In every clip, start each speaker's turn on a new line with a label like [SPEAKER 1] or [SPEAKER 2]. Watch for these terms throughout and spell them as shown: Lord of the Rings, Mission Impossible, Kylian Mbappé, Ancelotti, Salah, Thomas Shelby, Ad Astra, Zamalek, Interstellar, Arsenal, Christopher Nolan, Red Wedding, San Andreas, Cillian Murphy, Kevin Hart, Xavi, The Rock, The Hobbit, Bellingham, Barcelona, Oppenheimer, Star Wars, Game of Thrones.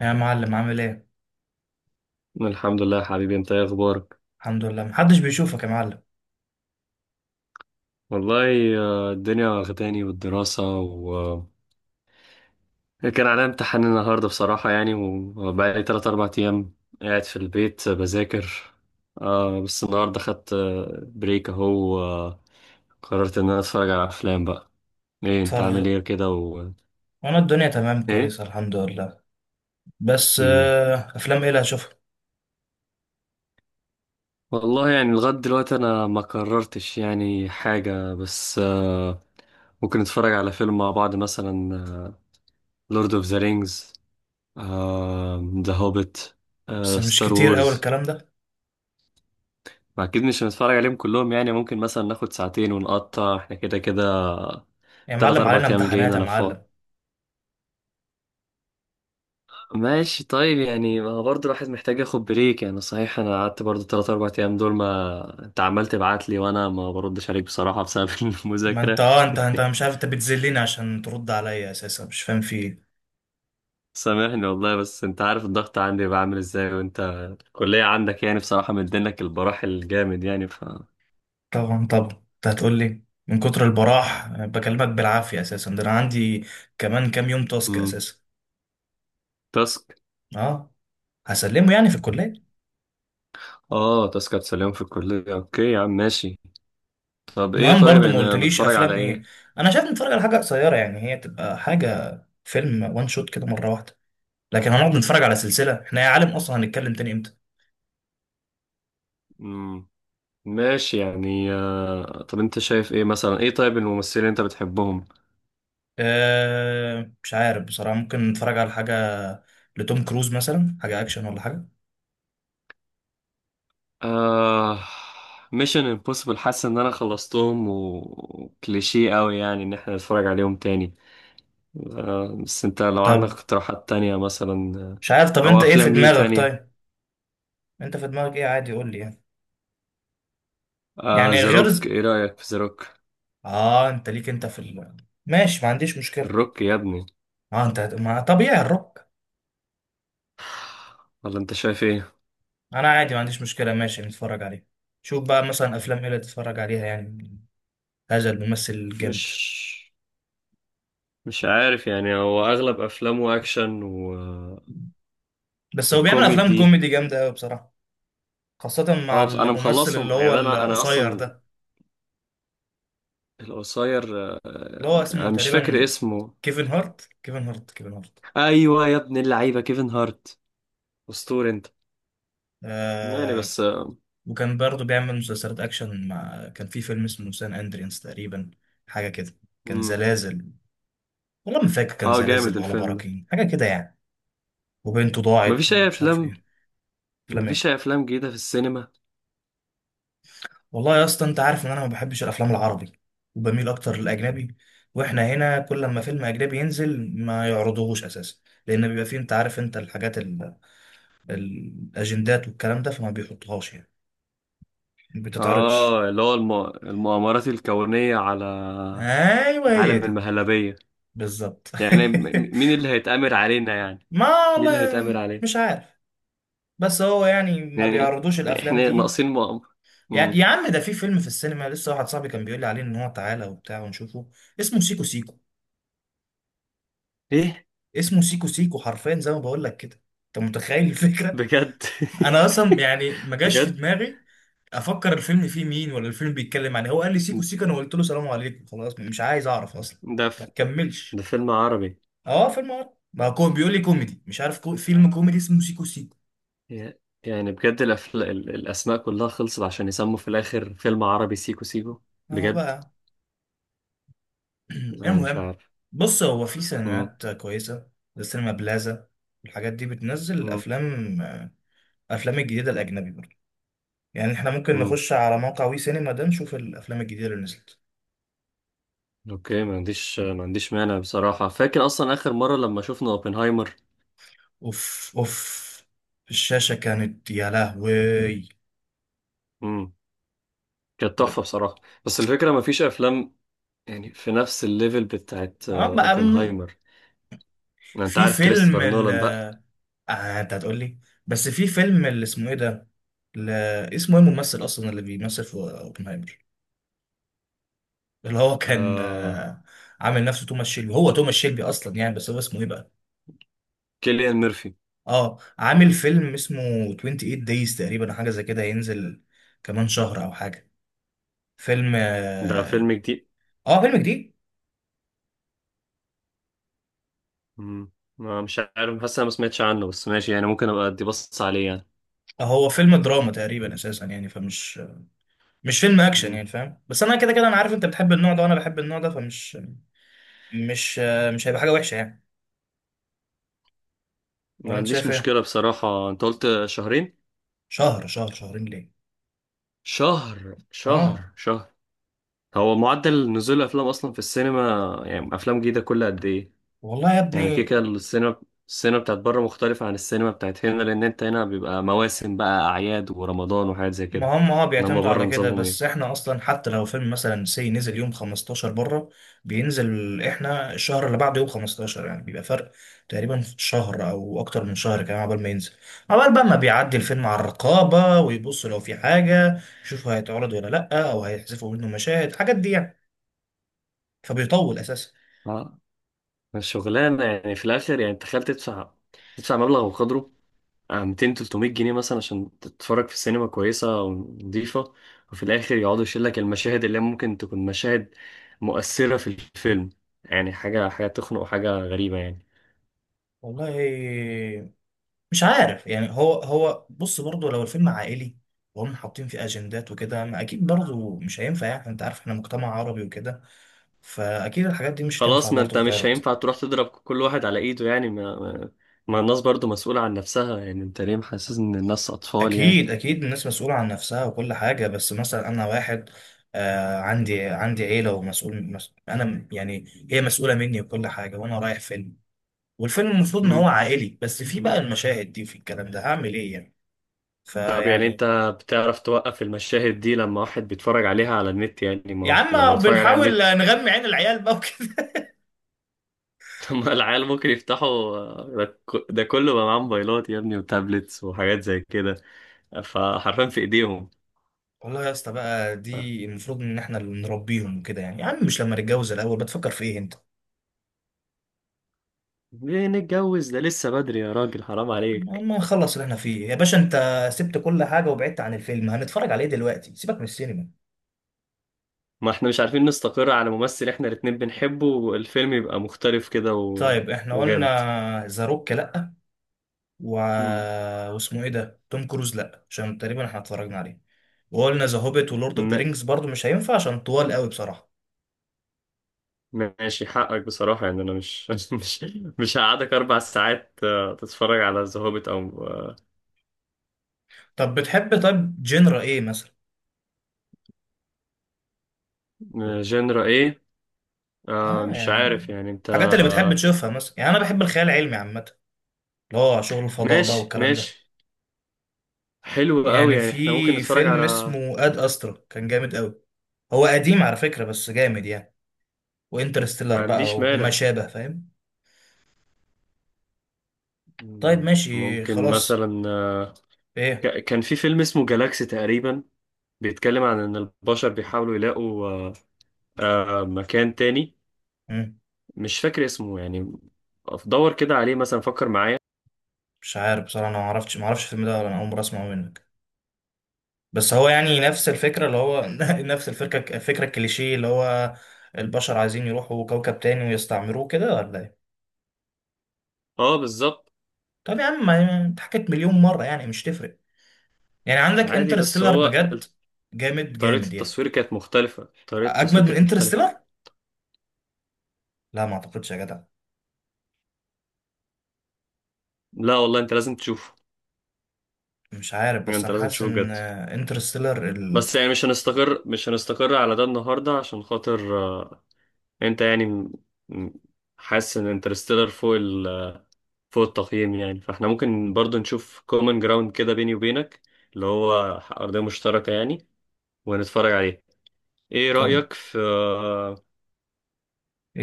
[SPEAKER 1] يا معلم، عامل ايه؟
[SPEAKER 2] الحمد لله يا حبيبي، انت ايه اخبارك؟
[SPEAKER 1] الحمد لله، محدش بيشوفك يا معلم.
[SPEAKER 2] والله. الدنيا واخداني والدراسة و... كان عليا امتحان النهاردة بصراحة، يعني وبقالي تلات أربع أيام قاعد في البيت بذاكر. بس النهاردة خدت بريك أهو قررت إن أنا أتفرج على أفلام بقى. إيه أنت عامل
[SPEAKER 1] اتفرج.
[SPEAKER 2] إيه كده و...
[SPEAKER 1] وانا الدنيا تمام،
[SPEAKER 2] إيه؟
[SPEAKER 1] كويسة الحمد لله. بس
[SPEAKER 2] مم.
[SPEAKER 1] افلام ايه اللي هشوفها؟
[SPEAKER 2] والله يعني لغاية دلوقتي أنا ما قررتش يعني حاجة بس ممكن نتفرج على فيلم مع بعض مثلا، لورد أوف ذا رينجز، ذا هوبيت،
[SPEAKER 1] بس مش
[SPEAKER 2] ستار
[SPEAKER 1] كتير قوي
[SPEAKER 2] وورز.
[SPEAKER 1] الكلام ده.
[SPEAKER 2] اكيد مش هنتفرج عليهم كلهم، يعني ممكن مثلا ناخد ساعتين ونقطع احنا كده كده.
[SPEAKER 1] يا
[SPEAKER 2] تلات
[SPEAKER 1] معلم
[SPEAKER 2] اربع
[SPEAKER 1] علينا
[SPEAKER 2] ايام الجايين
[SPEAKER 1] امتحانات يا
[SPEAKER 2] انا فاضي.
[SPEAKER 1] معلم.
[SPEAKER 2] ماشي طيب، يعني ما هو برضه الواحد محتاج ياخد بريك، يعني صحيح انا قعدت برضه تلات اربع ايام دول ما... انت عمال تبعت لي وانا ما بردش عليك بصراحة بسبب
[SPEAKER 1] ما انت
[SPEAKER 2] المذاكرة.
[SPEAKER 1] انت مش عارف، انت بتذلني عشان ترد عليا اساسا، مش فاهم في ايه.
[SPEAKER 2] سامحني والله، بس انت عارف الضغط عندي بيبقى عامل ازاي، وانت الكلية عندك، يعني بصراحة مدينك البراح الجامد يعني ف...
[SPEAKER 1] طبعا طبعا. انت هتقول لي من كتر البراح أنا بكلمك بالعافية؟ اساسا ده انا عندي كمان كام يوم تاسك
[SPEAKER 2] مم.
[SPEAKER 1] اساسا.
[SPEAKER 2] تاسك.
[SPEAKER 1] اه، هسلمه يعني في الكلية.
[SPEAKER 2] اه تذكرة سلام في الكلية، اوكي يا عم ماشي. طب ايه
[SPEAKER 1] المهم
[SPEAKER 2] طيب،
[SPEAKER 1] برضو ما
[SPEAKER 2] يعني
[SPEAKER 1] قلتليش
[SPEAKER 2] نتفرج على
[SPEAKER 1] افلام ايه.
[SPEAKER 2] ايه؟
[SPEAKER 1] انا شايف نتفرج على حاجه قصيره، يعني هي تبقى حاجه، فيلم وان شوت كده مره واحده. لكن هنقعد نتفرج على سلسله احنا يا عالم؟ اصلا هنتكلم تاني امتى؟
[SPEAKER 2] مم. ماشي يعني. طب انت شايف ايه مثلا؟ ايه طيب، الممثلين اللي انت بتحبهم؟
[SPEAKER 1] أه، مش عارف بصراحه، ممكن نتفرج على حاجه لتوم كروز مثلا، حاجه اكشن ولا حاجه.
[SPEAKER 2] آه... ميشن امبوسيبل، حاسس ان انا خلصتهم وكليشيه قوي، يعني ان احنا نتفرج عليهم تاني. بس انت لو عندك
[SPEAKER 1] طب
[SPEAKER 2] اقتراحات تانية مثلا.
[SPEAKER 1] مش عارف، طب
[SPEAKER 2] او
[SPEAKER 1] انت ايه في
[SPEAKER 2] افلام ليه
[SPEAKER 1] دماغك
[SPEAKER 2] تانية.
[SPEAKER 1] طيب؟ انت في دماغك ايه؟ عادي قول لي يعني. يعني
[SPEAKER 2] ذا
[SPEAKER 1] غير
[SPEAKER 2] روك، ايه رأيك في ذا روك؟
[SPEAKER 1] اه، انت ليك، انت ماشي، ما عنديش مشكله.
[SPEAKER 2] الروك يا ابني.
[SPEAKER 1] اه، انت ما طبيعي الروك.
[SPEAKER 2] ولا انت شايف ايه؟
[SPEAKER 1] انا عادي ما عنديش مشكله، ماشي نتفرج عليه. شوف بقى مثلا افلام ايه اللي تتفرج عليها يعني. هذا الممثل جامد.
[SPEAKER 2] مش مش عارف، يعني هو اغلب افلامه اكشن و...
[SPEAKER 1] بس هو بيعمل افلام
[SPEAKER 2] وكوميدي.
[SPEAKER 1] كوميدي جامده قوي بصراحه، خاصه مع
[SPEAKER 2] اه بس انا
[SPEAKER 1] الممثل اللي
[SPEAKER 2] مخلصهم،
[SPEAKER 1] هو
[SPEAKER 2] يعني انا
[SPEAKER 1] القصير
[SPEAKER 2] اصلا.
[SPEAKER 1] ده،
[SPEAKER 2] القصير.
[SPEAKER 1] اللي هو
[SPEAKER 2] انا
[SPEAKER 1] اسمه
[SPEAKER 2] مش فاكر
[SPEAKER 1] تقريبا
[SPEAKER 2] اسمه.
[SPEAKER 1] كيفن هارت، كيفن هارت، كيفن هارت
[SPEAKER 2] ايوه يا ابن اللعيبه، كيفن هارت. اسطوري انت. يعني
[SPEAKER 1] آه
[SPEAKER 2] بس.
[SPEAKER 1] وكان برضه بيعمل مسلسلات اكشن، مع كان في فيلم اسمه سان اندريانس تقريبا، حاجه كده. كان
[SPEAKER 2] مم.
[SPEAKER 1] زلازل، والله ما فاكر كان
[SPEAKER 2] اه جامد
[SPEAKER 1] زلازل ولا
[SPEAKER 2] الفيلم ده.
[SPEAKER 1] براكين، حاجه كده يعني. وبنته ضاعت
[SPEAKER 2] مفيش اي
[SPEAKER 1] ومش عارف
[SPEAKER 2] افلام.
[SPEAKER 1] ايه. افلام
[SPEAKER 2] مفيش
[SPEAKER 1] ايه؟
[SPEAKER 2] اي افلام جديده في السينما.
[SPEAKER 1] والله يا اسطى، انت عارف ان انا ما بحبش الافلام العربي، وبميل اكتر للاجنبي. واحنا هنا كل ما فيلم اجنبي ينزل ما يعرضوهوش اساسا، لان بيبقى فيه، انت عارف انت الاجندات والكلام ده، فما بيحطهاش يعني. ما بتتعرضش.
[SPEAKER 2] اه اللي هو المؤامرات الكونيه على
[SPEAKER 1] ايوه هي
[SPEAKER 2] عالم
[SPEAKER 1] دي.
[SPEAKER 2] المهلبيه.
[SPEAKER 1] بالظبط.
[SPEAKER 2] يعني مين اللي هيتأمر علينا؟ يعني
[SPEAKER 1] ما
[SPEAKER 2] مين اللي
[SPEAKER 1] والله
[SPEAKER 2] هيتأمر علينا؟
[SPEAKER 1] مش عارف، بس هو يعني ما
[SPEAKER 2] يعني،
[SPEAKER 1] بيعرضوش
[SPEAKER 2] يعني
[SPEAKER 1] الافلام
[SPEAKER 2] احنا
[SPEAKER 1] دي.
[SPEAKER 2] ناقصين مؤامرة.
[SPEAKER 1] يعني
[SPEAKER 2] مم.
[SPEAKER 1] يا عم، ده في فيلم في السينما لسه، واحد صاحبي كان بيقول لي عليه ان هو تعالى وبتاع ونشوفه. اسمه سيكو سيكو.
[SPEAKER 2] ايه.
[SPEAKER 1] اسمه سيكو سيكو حرفيا، زي ما بقول لك كده. انت متخيل الفكره؟
[SPEAKER 2] بجد.
[SPEAKER 1] انا اصلا يعني ما جاش في
[SPEAKER 2] بجد.
[SPEAKER 1] دماغي افكر الفيلم فيه مين ولا الفيلم بيتكلم عن إيه. هو قال لي سيكو سيكو، انا قلت له سلام عليكم، خلاص مش عايز اعرف اصلا.
[SPEAKER 2] ده
[SPEAKER 1] ما
[SPEAKER 2] ف...
[SPEAKER 1] تكملش.
[SPEAKER 2] ده فيلم عربي.
[SPEAKER 1] اه فيلم عربي. ما هو بيقول لي كوميدي، مش عارف فيلم كوميدي اسمه سيكو سيكو.
[SPEAKER 2] ي- يعني بجد الأسماء كلها خلصت عشان يسموا في الآخر فيلم عربي سيكو سيكو؟
[SPEAKER 1] اهو
[SPEAKER 2] بجد.
[SPEAKER 1] بقى.
[SPEAKER 2] أنا مش
[SPEAKER 1] المهم،
[SPEAKER 2] عارف.
[SPEAKER 1] بص هو في
[SPEAKER 2] مم.
[SPEAKER 1] سينمات كويسه زي سينما بلازا. الحاجات دي بتنزل
[SPEAKER 2] مم.
[SPEAKER 1] افلام الجديده الاجنبي برضه. يعني احنا ممكن
[SPEAKER 2] مم.
[SPEAKER 1] نخش على موقع وي سينما ده، نشوف الافلام الجديده اللي نزلت.
[SPEAKER 2] أوكي، ما عنديش مانع بصراحة، فاكر أصلا آخر مرة لما شفنا أوبنهايمر.
[SPEAKER 1] اوف اوف، الشاشه كانت يا لهوي.
[SPEAKER 2] مم. كانت
[SPEAKER 1] ب...
[SPEAKER 2] تحفة بصراحة. بس الفكرة ما فيش أفلام يعني في نفس الليفل بتاعت
[SPEAKER 1] اه بقى،
[SPEAKER 2] أوبنهايمر. أنت
[SPEAKER 1] في
[SPEAKER 2] عارف
[SPEAKER 1] فيلم
[SPEAKER 2] كريستوفر
[SPEAKER 1] ال...
[SPEAKER 2] نولان بقى.
[SPEAKER 1] آه انت هتقول لي، بس في فيلم اللي اسمه ايه ده، ل... اسمه ايه الممثل اصلا اللي بيمثل في اوبنهايمر، اللي هو كان
[SPEAKER 2] آه...
[SPEAKER 1] عامل نفسه توماس شيلبي. هو توماس شيلبي اصلا يعني، بس هو اسمه ايه بقى؟
[SPEAKER 2] كيليان ميرفي.
[SPEAKER 1] اه، عامل فيلم اسمه 28 دايز تقريبا، أو حاجه زي كده، هينزل كمان شهر او حاجه. فيلم
[SPEAKER 2] ده
[SPEAKER 1] آه،
[SPEAKER 2] فيلم جديد.
[SPEAKER 1] اه، فيلم جديد.
[SPEAKER 2] مم. ما مش عارف، حاسس انا ما سمعتش عنه، بس ماشي يعني ممكن ابقى ادي بص عليه يعني.
[SPEAKER 1] هو فيلم دراما تقريبا اساسا يعني، فمش مش فيلم اكشن
[SPEAKER 2] مم.
[SPEAKER 1] يعني، فاهم؟ بس انا كده كده انا عارف انت بتحب النوع ده وانا بحب النوع ده، فمش مش مش هيبقى حاجه وحشه يعني.
[SPEAKER 2] ما
[SPEAKER 1] ولا انت
[SPEAKER 2] عنديش
[SPEAKER 1] شايف ايه؟
[SPEAKER 2] مشكلة بصراحة، انت قلت شهرين.
[SPEAKER 1] شهر، شهر، شهرين ليه؟
[SPEAKER 2] شهر،
[SPEAKER 1] اه.
[SPEAKER 2] شهر، شهر. هو معدل نزول الافلام اصلا في السينما، يعني افلام جديدة كل قد ايه؟
[SPEAKER 1] والله يا
[SPEAKER 2] يعني
[SPEAKER 1] ابني،
[SPEAKER 2] كيكا. السينما، السينما بتاعت بره مختلفة عن السينما بتاعت هنا، لان انت هنا بيبقى مواسم بقى، اعياد ورمضان وحاجات زي كده.
[SPEAKER 1] ما هم
[SPEAKER 2] انما
[SPEAKER 1] بيعتمدوا
[SPEAKER 2] بره
[SPEAKER 1] على كده،
[SPEAKER 2] نظامهم
[SPEAKER 1] بس احنا اصلا حتى لو فيلم مثلا سي نزل يوم 15 بره، بينزل احنا الشهر اللي بعده يوم 15، يعني بيبقى فرق تقريبا شهر او اكتر من شهر كمان عبال ما ينزل، عبال بقى ما بيعدي الفيلم على الرقابة ويبصوا لو في حاجة، يشوفوا هيتعرض ولا لأ، او هيحذفوا منه مشاهد، الحاجات دي يعني، فبيطول اساسا.
[SPEAKER 2] ايه الشغلانة يعني في الآخر؟ يعني تخيل تدفع مبلغ وقدره 200 300 جنيه مثلا عشان تتفرج في سينما كويسة ونظيفة، وفي الآخر يقعدوا يشيل لك المشاهد اللي ممكن تكون مشاهد مؤثرة في الفيلم. يعني حاجة تخنق وحاجة غريبة يعني.
[SPEAKER 1] والله مش عارف يعني، هو بص برضه لو الفيلم عائلي وهم حاطين فيه اجندات وكده، ما اكيد برضه مش هينفع. يعني انت عارف احنا مجتمع عربي وكده، فاكيد الحاجات دي مش هتنفع
[SPEAKER 2] خلاص، ما أنت
[SPEAKER 1] برضه
[SPEAKER 2] مش
[SPEAKER 1] تتعرض.
[SPEAKER 2] هينفع تروح تضرب كل واحد على إيده. يعني ما الناس برضو مسؤولة عن نفسها، يعني أنت ليه محسس إن الناس أطفال؟ يعني
[SPEAKER 1] اكيد اكيد الناس مسؤوله عن نفسها وكل حاجه، بس مثلا انا واحد عندي عيله ومسؤول، انا يعني هي مسؤوله مني وكل حاجه، وانا رايح فيلم والفيلم المفروض ان هو عائلي، بس في بقى المشاهد دي، في الكلام ده، هعمل ايه يعني؟
[SPEAKER 2] طب، يعني
[SPEAKER 1] فيعني،
[SPEAKER 2] انت بتعرف توقف المشاهد دي لما واحد بيتفرج عليها على النت؟ يعني ما
[SPEAKER 1] يا
[SPEAKER 2] هو لما
[SPEAKER 1] عم
[SPEAKER 2] بيتفرج عليها على
[SPEAKER 1] بنحاول
[SPEAKER 2] النت...
[SPEAKER 1] نغمي عين العيال بقى وكده.
[SPEAKER 2] لما العيال ممكن يفتحوا. ده كله بقى معاه موبايلات يا ابني وتابلتس وحاجات زي كده، فحرفيا في ايديهم.
[SPEAKER 1] والله يا اسطى بقى،
[SPEAKER 2] ف-
[SPEAKER 1] دي المفروض ان احنا اللي نربيهم وكده يعني. يا عم مش لما نتجوز الاول، بتفكر في ايه انت؟
[SPEAKER 2] ليه نتجوز؟ ده لسه بدري يا راجل، حرام عليك.
[SPEAKER 1] اما نخلص اللي احنا فيه يا باشا. انت سبت كل حاجة وبعدت عن الفيلم، هنتفرج عليه دلوقتي، سيبك من السينما.
[SPEAKER 2] ما احنا مش عارفين نستقر على ممثل احنا الاتنين بنحبه، والفيلم يبقى مختلف كده و...
[SPEAKER 1] طيب احنا
[SPEAKER 2] وجامد.
[SPEAKER 1] قلنا ذا روك لا، و... واسمه ايه ده، توم كروز لا عشان تقريبا احنا اتفرجنا عليه. وقلنا ذا هوبيت ولورد اوف ذا
[SPEAKER 2] مم.
[SPEAKER 1] رينجز برضو مش هينفع عشان طوال قوي بصراحة.
[SPEAKER 2] ماشي حقك بصراحة، يعني أنا مش مش هقعدك 4 ساعات تتفرج على ذا هوبيت أو...
[SPEAKER 1] طب بتحب طيب جنرا ايه مثلا؟
[SPEAKER 2] جنرا إيه؟
[SPEAKER 1] اه
[SPEAKER 2] مش عارف
[SPEAKER 1] يعني
[SPEAKER 2] يعني أنت.
[SPEAKER 1] حاجات اللي بتحب تشوفها مثلا يعني، انا بحب الخيال العلمي عامة، اللي هو شغل الفضاء بقى
[SPEAKER 2] ماشي
[SPEAKER 1] والكلام ده.
[SPEAKER 2] ماشي، حلو قوي
[SPEAKER 1] يعني
[SPEAKER 2] يعني، إحنا ممكن
[SPEAKER 1] في
[SPEAKER 2] نتفرج
[SPEAKER 1] فيلم
[SPEAKER 2] على...
[SPEAKER 1] اسمه اد استرا كان جامد قوي. هو قديم على فكرة بس جامد يعني.
[SPEAKER 2] ما
[SPEAKER 1] وانترستيلر بقى
[SPEAKER 2] عنديش
[SPEAKER 1] وما
[SPEAKER 2] مانع.
[SPEAKER 1] شابه، فاهم؟ طيب ماشي
[SPEAKER 2] ممكن
[SPEAKER 1] خلاص.
[SPEAKER 2] مثلا
[SPEAKER 1] ايه.
[SPEAKER 2] كان في فيلم اسمه جالاكسي تقريبا، بيتكلم عن إن البشر بيحاولوا يلاقوا مكان تاني.
[SPEAKER 1] مم.
[SPEAKER 2] مش فاكر اسمه يعني. دور كده عليه مثلا، فكر معايا.
[SPEAKER 1] مش عارف بصراحة، انا ما اعرفش الفيلم ده، ولا انا اول مرة اسمعه منك. بس هو يعني نفس الفكرة اللي هو نفس الفكرة الكليشيه، اللي هو البشر عايزين يروحوا كوكب تاني ويستعمروه كده، ولا ايه؟
[SPEAKER 2] اه بالظبط.
[SPEAKER 1] طب يا عم، اتحكت مليون مرة يعني، مش تفرق. يعني عندك
[SPEAKER 2] عادي، بس
[SPEAKER 1] انترستيلر
[SPEAKER 2] هو
[SPEAKER 1] بجد، جامد
[SPEAKER 2] طريقة
[SPEAKER 1] جامد يعني.
[SPEAKER 2] التصوير كانت مختلفة، طريقة
[SPEAKER 1] اجمد
[SPEAKER 2] التصوير
[SPEAKER 1] من
[SPEAKER 2] كانت مختلفة.
[SPEAKER 1] انترستيلر؟ لا ما اعتقدش يا جدع.
[SPEAKER 2] لا والله، انت لازم تشوفه.
[SPEAKER 1] مش عارف
[SPEAKER 2] يعني
[SPEAKER 1] بس
[SPEAKER 2] انت
[SPEAKER 1] انا
[SPEAKER 2] لازم
[SPEAKER 1] حاسس
[SPEAKER 2] تشوفه
[SPEAKER 1] ان
[SPEAKER 2] بجد.
[SPEAKER 1] انترستيلر.
[SPEAKER 2] بس يعني مش هنستقر على ده النهاردة عشان خاطر انت يعني م- حاسس ان انترستيلر فوق التقييم، يعني فاحنا ممكن برضو نشوف كومن جراوند كده بيني وبينك، اللي هو أرضية مشتركة يعني، ونتفرج عليه. ايه
[SPEAKER 1] طب
[SPEAKER 2] رأيك في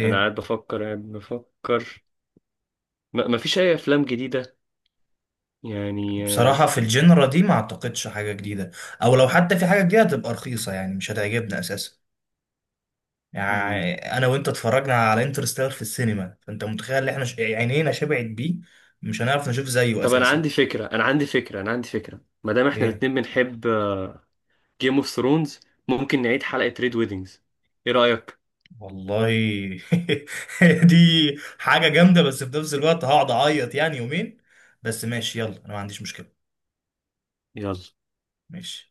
[SPEAKER 2] انا قاعد بفكر. ما مفيش اي افلام جديدة يعني.
[SPEAKER 1] بصراحة في الجنرا دي ما اعتقدش حاجة جديدة، او لو حتى في حاجة جديدة تبقى رخيصة يعني مش هتعجبنا اساسا.
[SPEAKER 2] آه،
[SPEAKER 1] يعني انا وانت اتفرجنا على انترستيلر في السينما، فانت متخيل ان احنا عينينا شبعت بيه، مش هنعرف نشوف زيه
[SPEAKER 2] طب انا
[SPEAKER 1] اساسا.
[SPEAKER 2] عندي فكره، انا عندي فكره، انا عندي فكره، ما دام احنا
[SPEAKER 1] ايه
[SPEAKER 2] الاتنين بنحب جيم اوف ثرونز، ممكن نعيد حلقه ريد ويدنجز. ايه رايك؟
[SPEAKER 1] والله. دي حاجة جامدة بس في نفس الوقت هقعد اعيط يعني يومين. بس ماشي، يلا انا ما عنديش مشكلة.
[SPEAKER 2] يلا.
[SPEAKER 1] ماشي.